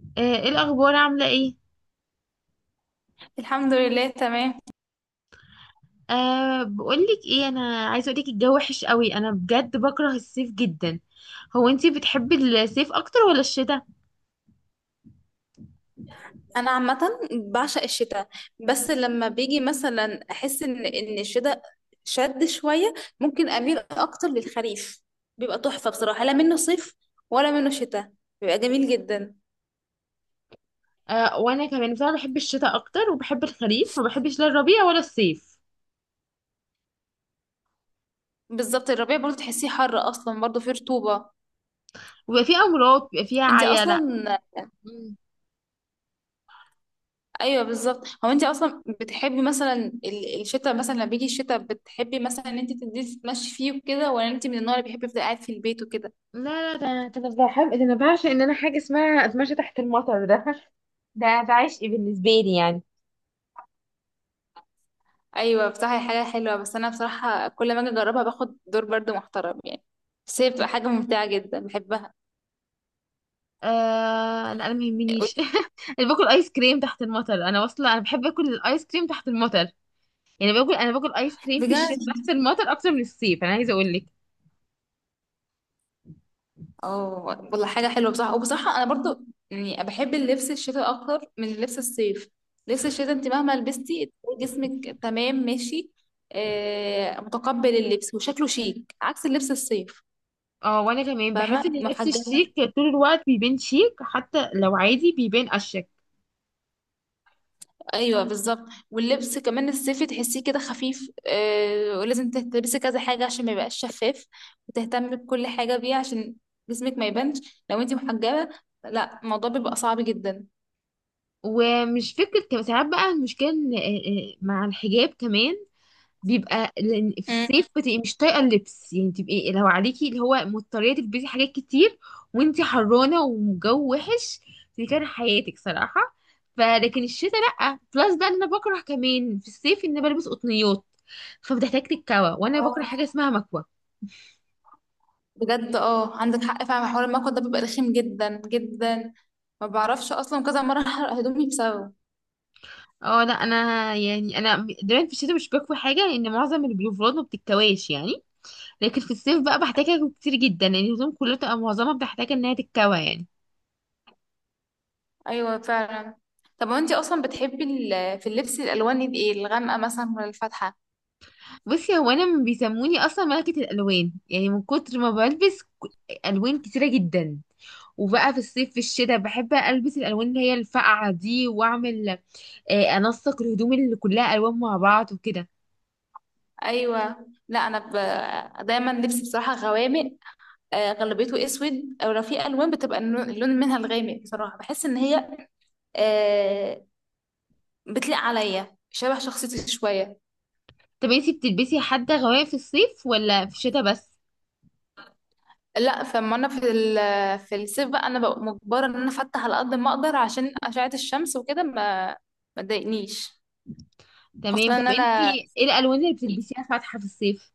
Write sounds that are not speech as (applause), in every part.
آه، ايه الاخبار؟ عامله ايه؟ الحمد لله تمام. بقولك ايه، انا عايزه اقولك الجو وحش قوي. انا بجد بكره الصيف جدا. هو انتي بتحبي الصيف اكتر ولا الشتاء؟ انا عامه بعشق الشتاء. بس لما بيجي مثلا احس ان الشتاء شد شويه، ممكن اميل اكتر للخريف. بيبقى تحفه بصراحه، لا منه صيف ولا منه شتاء، بيبقى جميل جدا. وانا كمان بصراحه بحب الشتاء اكتر، وبحب الخريف، ما بحبش لا الربيع ولا الصيف. بالظبط، الربيع برضه تحسيه حر، اصلا برضه فيه رطوبه. ويبقى فيه امراض بيبقى فيها انت عيله. اصلا. مم. ايوه بالظبط. هو انت اصلا بتحبي مثلا الشتاء؟ مثلا لما بيجي الشتاء بتحبي مثلا ان انت تنزلي تتمشي فيه وكده، ولا انت من النوع اللي بيحب يفضل قاعد في البيت وكده؟ لا ده انا بحب، ده انا بعشق ان انا حاجه اسمها اتمشى تحت المطر ده. (laughs) ده عشق بالنسبه لي يعني. ايوه بصراحه هي حاجه حلوه، بس انا بصراحه كل ما اجي اجربها باخد دور برضو محترم يعني. بس هي بتبقى حاجه ممتعه جدا بحبها. آه لا، انا ما يهمنيش. (laughs) انا باكل ايس كريم تحت المطر، انا واصله، انا بحب اكل الايس كريم تحت المطر. يعني باكل، انا باكل ايس كريم في بجد. الشتاء تحت المطر اكتر من الصيف، انا عايزه اقول لك. اه. والله حاجه حلوه بصراحه، وبصراحه انا برضو يعني بحب اللبس الشتاء اكتر من لبس الصيف. لبس الشتاء انت مهما لبستي تلاقي جسمك تمام ماشي، متقبل اللبس وشكله شيك عكس اللبس الصيف. اه وانا كمان فاهمه، بحس ان اللبس محجبه. الشيك طول الوقت بيبان شيك، حتى لو عادي بيبان اشيك. ايوه بالظبط. واللبس كمان الصيفي تحسيه كده خفيف، ولازم تلبسي كذا حاجه عشان ما يبقاش شفاف، وتهتمي بكل حاجه بيه عشان جسمك ما يبانش لو انتي محجبه، لا الموضوع بيبقى صعب جدا. ومش فكره كم ساعات بقى المشكله إيه- إيه، مع الحجاب كمان بيبقى، لان في مم. الصيف بتبقي مش طايقه اللبس، يعني تبقي لو عليكي اللي هو مضطريه تلبسي حاجات كتير، وانتي حرانه وجو وحش. دي كان حياتك صراحه. فلكن الشتاء لا. بلس بقى ان انا بكره كمان في الصيف ان أنا بلبس قطنيات، فبتحتاج تتكوى، وانا اه. بكره حاجه اسمها مكوى. بجد، اه، عندك حق فعلا، حوار المكوى ده بيبقى رخيم جدا جدا. ما بعرفش اصلا، كذا مره احرق هدومي بسببه. اه لا انا يعني انا دايما في الشتاء مش بكوي حاجه، لان معظم البلوفرات ما بتتكواش يعني. لكن في الصيف بقى بحتاجها كتير جدا، لان يعني الهدوم كلها بتبقى معظمها بتحتاج انها تتكوى يعني. ايوه فعلا. طب وانتي اصلا بتحبي في اللبس الالوان دي ايه؟ الغامقه مثلا ولا الفاتحه؟ بصي، هو انا بيسموني اصلا ملكة الالوان، يعني من كتر ما بلبس الوان كتيرة جدا. وبقى في الصيف في الشتاء بحب البس الالوان اللي هي الفقعة دي، واعمل انسق الهدوم اللي كلها الوان مع بعض وكده. ايوه. لا انا دايما لبسي بصراحه غوامق، غالبيته اسود. او لو في الوان بتبقى اللون منها الغامق، بصراحه بحس ان هي آه، بتليق عليا شبه شخصيتي شويه. طب انتي بتلبسي حتى غواية في الصيف ولا في الشتاء بس؟ لا فما انا في في الصيف بقى انا ببقى مجبره ان انا افتح على قد ما اقدر عشان اشعه الشمس وكده ما تضايقنيش. تمام. خصوصا ان طب انا انتي ايه الالوان اللي بتلبسيها فاتحة في الصيف؟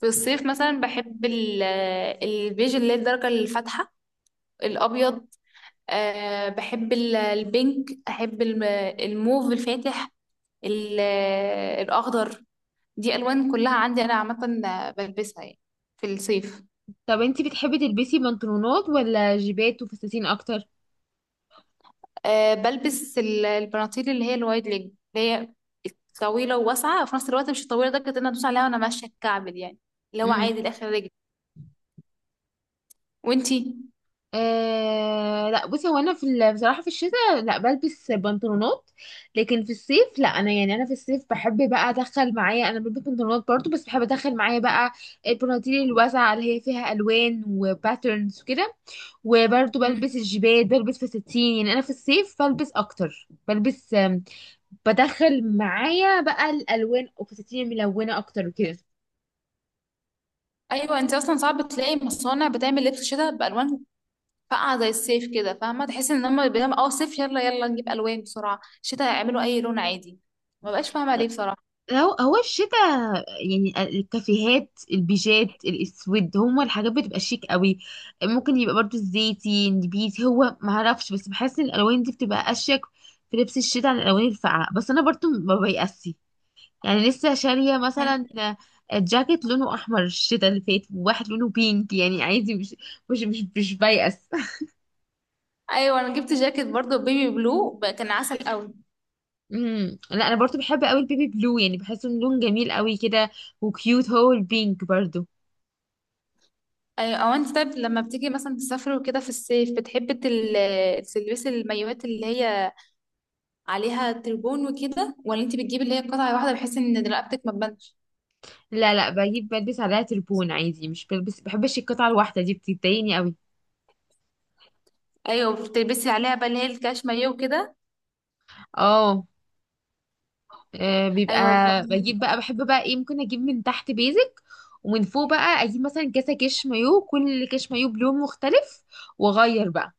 في الصيف مثلا بحب البيج اللي هي الدرجه الفاتحه، الابيض. أه بحب البينك، احب الموف الفاتح، ال- الاخضر. دي الوان كلها عندي انا عامه، بلبسها يعني في الصيف. طب انتي بتحبي تلبسي بنطلونات ولا جيبات وفساتين اكتر؟ أه بلبس البناطيل اللي هي الوايد ليج، اللي هي طويله وواسعه وفي نفس الوقت مش الطويله درجه ان أنا ادوس عليها وانا ماشيه، الكعب دي يعني اللي هو إمم. عادي لاخر رجلي. وانتي؟ آه لا، بصي، هو انا في بصراحه في الشتاء لا بلبس بنطلونات. لكن في الصيف لا، انا يعني انا في الصيف بحب بقى ادخل معايا، انا بلبس بنطلونات برضو، بس بحب ادخل معايا بقى البناطيل الواسعه اللي هي فيها الوان وباترنز وكده. وبرضو مم. بلبس الجيبات، بلبس فساتين، يعني انا في الصيف بلبس اكتر، بلبس بدخل معايا بقى الالوان وفساتين ملونه اكتر وكده. ايوه انت اصلا صعب تلاقي مصانع بتعمل لبس شتاء بالوان فاقعه زي الصيف، كده فاهمه، تحس ان هم بيعملوا صيف يلا يلا نجيب الوان بسرعه، شتاء يعملوا اي لون عادي. ما بقاش فاهمه ليه بصراحه. هو الشتاء يعني الكافيهات البيجات الاسود هما الحاجات بتبقى شيك قوي. ممكن يبقى برضو الزيتي النبيتي، هو ما اعرفش، بس بحس ان الالوان دي بتبقى اشيك في لبس الشتاء عن الالوان الفاقعه. بس انا برضو ما بيأسي، يعني لسه شاريه مثلا جاكيت لونه احمر الشتاء اللي فات، وواحد لونه بينك، يعني عادي، مش مش مش, مش بيأس. (laughs) ايوه انا جبت جاكيت برضو بيبي بلو، كان عسل قوي. امم، لا انا برضو بحب قوي البيبي بلو، يعني بحسه إنه لون جميل قوي كده، وكيوت. هو البينك برضو. ايوه. او انت طيب لما بتيجي مثلا تسافر وكده في الصيف، بتحبي تلبسي المايوهات اللي هي عليها تربون وكده، ولا انت بتجيبي اللي هي قطعه واحده بحيث ان رقبتك ما تبانش؟ لا بجيب بلبس عليها تربون عادي، مش بلبس، بحبش القطعة الواحدة دي، بتضايقني قوي. ايوه بتلبسي عليها بقى اللي هي الكاش مايو وكده. اه، بيبقى ايوه، بجيب بقى، بحب بقى ايه، ممكن اجيب من تحت بيزك، ومن فوق بقى اجيب مثلا كاسة كش مايو، كل كش مايو بلون مختلف، واغير بقى.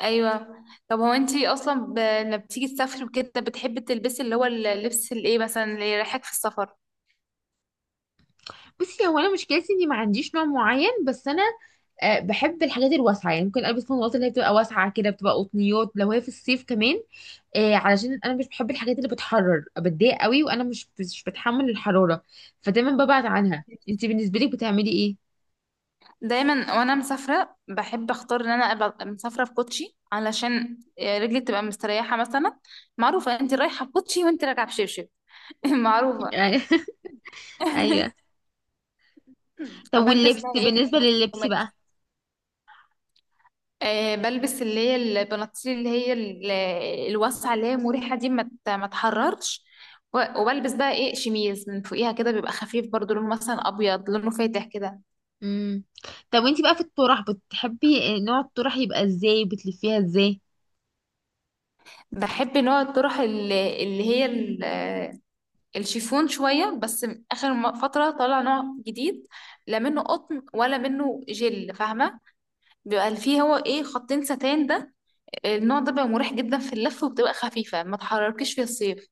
ايوه. طب هو انت اصلا لما بتيجي تسافري وكده بتحبي تلبسي اللي هو اللبس الايه مثلا اللي يريحك في السفر؟ بصي، هو انا مشكلتي اني ما عنديش نوع معين، بس انا بحب الحاجات الواسعه، يعني ممكن البس فانوات اللي هي بتبقى واسعه كده، بتبقى قطنيات لو هي في الصيف كمان، آه علشان انا مش بحب الحاجات اللي بتحرر، بتضايق قوي، وانا مش بتحمل الحراره، فدايما ببعد عنها. انت بالنسبه لك بتعملي ايه؟ دايما وانا مسافره بحب اختار ان انا ابقى مسافره في كوتشي علشان رجلي تبقى مستريحه مثلا. معروفه انت رايحه بكوتشي وانت راجعه بشبشب. (laughs) معروفه. (laughs) ايوه. (laughs) طب بلبس واللبس، بقى ايه، بالنسبه لللبس بقى؟ بلبس اللي هي البناطيل اللي هي الواسعه اللي هي مريحه دي ما تحررش. وبلبس بقى ايه، شميز من فوقيها كده بيبقى خفيف برضو، لونه مثلا ابيض، لونه فاتح كده. امم. طب وانت بقى في الطرح بتحبي نوع الطرح يبقى ازاي؟ بتلفيها ازاي؟ بحب نوع الطرح اللي هي الشيفون شوية بس. آخر فترة طلع نوع جديد، لا منه قطن ولا منه جل، فاهمة؟ بيبقى فيه هو ايه، خطين ستان ده. النوع ده بيبقى مريح جدا في اللف وبتبقى خفيفة ما تحركيش في الصيف.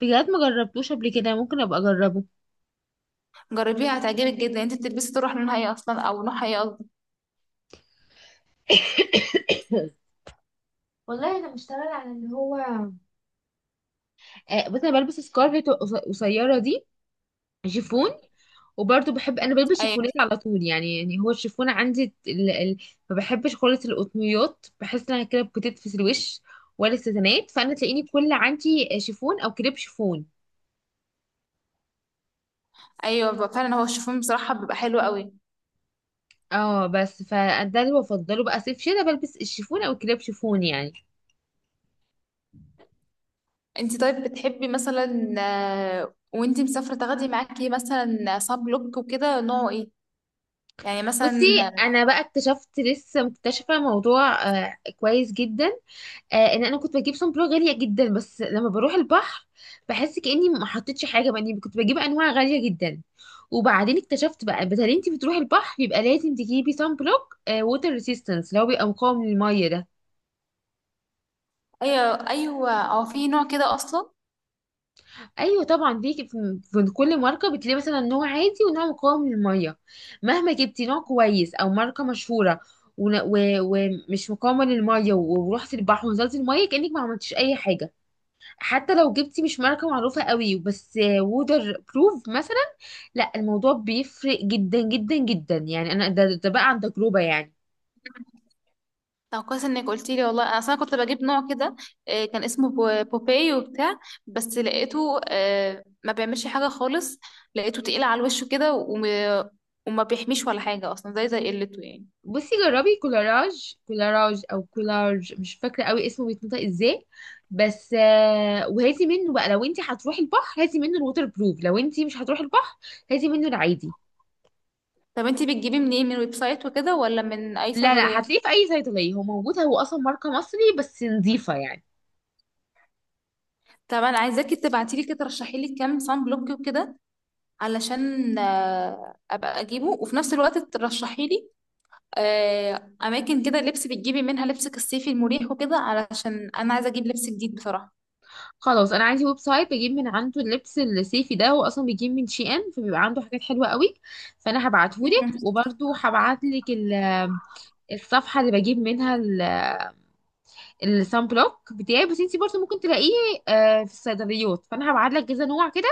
بجد ما جربتوش قبل كده، ممكن ابقى اجربه. جربيها هتعجبك جدا. انت بتلبسي تروح لونها ايه اصلا؟ او نوعها ايه قصدي؟ والله انا بشتغل على اللي هو، آه، بس انا بلبس سكارفت قصيره دي شيفون. وبرضه بحب، انا بلبس ايوه شيفونات على طول، يعني يعني هو الشيفون عندي ما بحبش خالص القطنيات، بحس انها كده بتتفس الوش، ولا الستانات، فانا تلاقيني كل عندي شيفون او كريب شيفون. ايوه. بيبقى فعلا هو الشيفون بصراحة بيبقى حلو قوي. اه، بس فده اللي بفضله بقى، صيف شتا بلبس الشيفون او كريب شيفون يعني. انت طيب بتحبي مثلا، وانت مسافرة تاخدي معاكي مثلا صاب لوك وكده، نوعه ايه؟ يعني بصي، مثلا؟ انا بقى اكتشفت لسه، مكتشفه موضوع كويس جدا، آه، ان انا كنت بجيب صن بلوك غاليه جدا، بس لما بروح البحر بحس كاني ما حطيتش حاجه. بقى إني كنت بجيب انواع غاليه جدا، وبعدين اكتشفت بقى، بدل انت بتروحي البحر يبقى لازم تجيبي صن بلوك ووتر ريسيستنس اللي هو بيبقى مقاوم للميه ده. ايوه ايوه. او في نوع كده اصلا. ايوه طبعا، في كل ماركه بتلاقي مثلا نوع عادي ونوع مقاوم للميه. مهما جبتي نوع كويس او ماركه مشهوره ون- و- ومش مقاومه للميه، ورحتي البحر ونزلتي الميه كانك ما عملتيش اي حاجه. حتى لو جبتي مش ماركة معروفة قوي، بس وودر بروف مثلا، لا، الموضوع بيفرق جدا جدا جدا يعني. انا ده بقى عن تجربة يعني. طب كويس انك قلتي لي، والله انا اصلا كنت بجيب نوع كده، كان اسمه بوباي وبتاع. بس لقيته ما بيعملش حاجه خالص. لقيته تقيل على الوش كده وما بيحميش ولا حاجه اصلا، زي قلته يعني. بصي، جربي كولاراج، كولاراج او كولارج مش فاكرة قوي اسمه بيتنطق ازاي، بس وهاتي منه بقى، لو انت هتروحي البحر هاتي منه الووتر بروف، لو انت مش هتروحي البحر هاتي منه العادي. طب انتي بتجيبيه منين؟ من ويب سايت وكده ولا من اي لا صيدليه؟ هتلاقيه في اي صيدلية، هو موجود، هو اصلا ماركة مصري بس نظيفة يعني. طب انا عايزاكي تبعتي لي كده، ترشحي لي كام صن بلوك وكده علشان ابقى اجيبه، وفي نفس الوقت ترشحي لي اماكن كده لبس بتجيبي منها لبسك الصيفي المريح وكده، علشان انا عايزه اجيب لبس جديد بصراحه. خلاص، انا عندي ويب سايت بجيب من عنده اللبس الصيفي ده، هو اصلا بيجيب من شي ان، فبيبقى عنده حاجات حلوه قوي، فانا هبعتهولك. مم. وبرده هبعتلك الصفحه اللي بجيب منها الصن بلوك بتاعي، بس انتي برضه ممكن تلاقيه في الصيدليات، فانا هبعتلك كذا نوع كده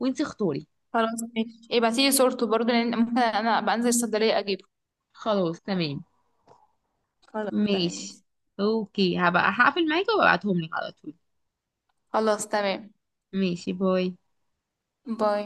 وانتي اختاري. خلاص ماشي، ابعتيلي صورته برضه لان ممكن انا ابقى انزل الصيدلية اجيبه. خلاص تمام خلاص تمام ماشي. ماشي. اوكي، هبقى هقفل معاكي وابعتهم لك على طول. خلاص تمام ماشي، باي. باي.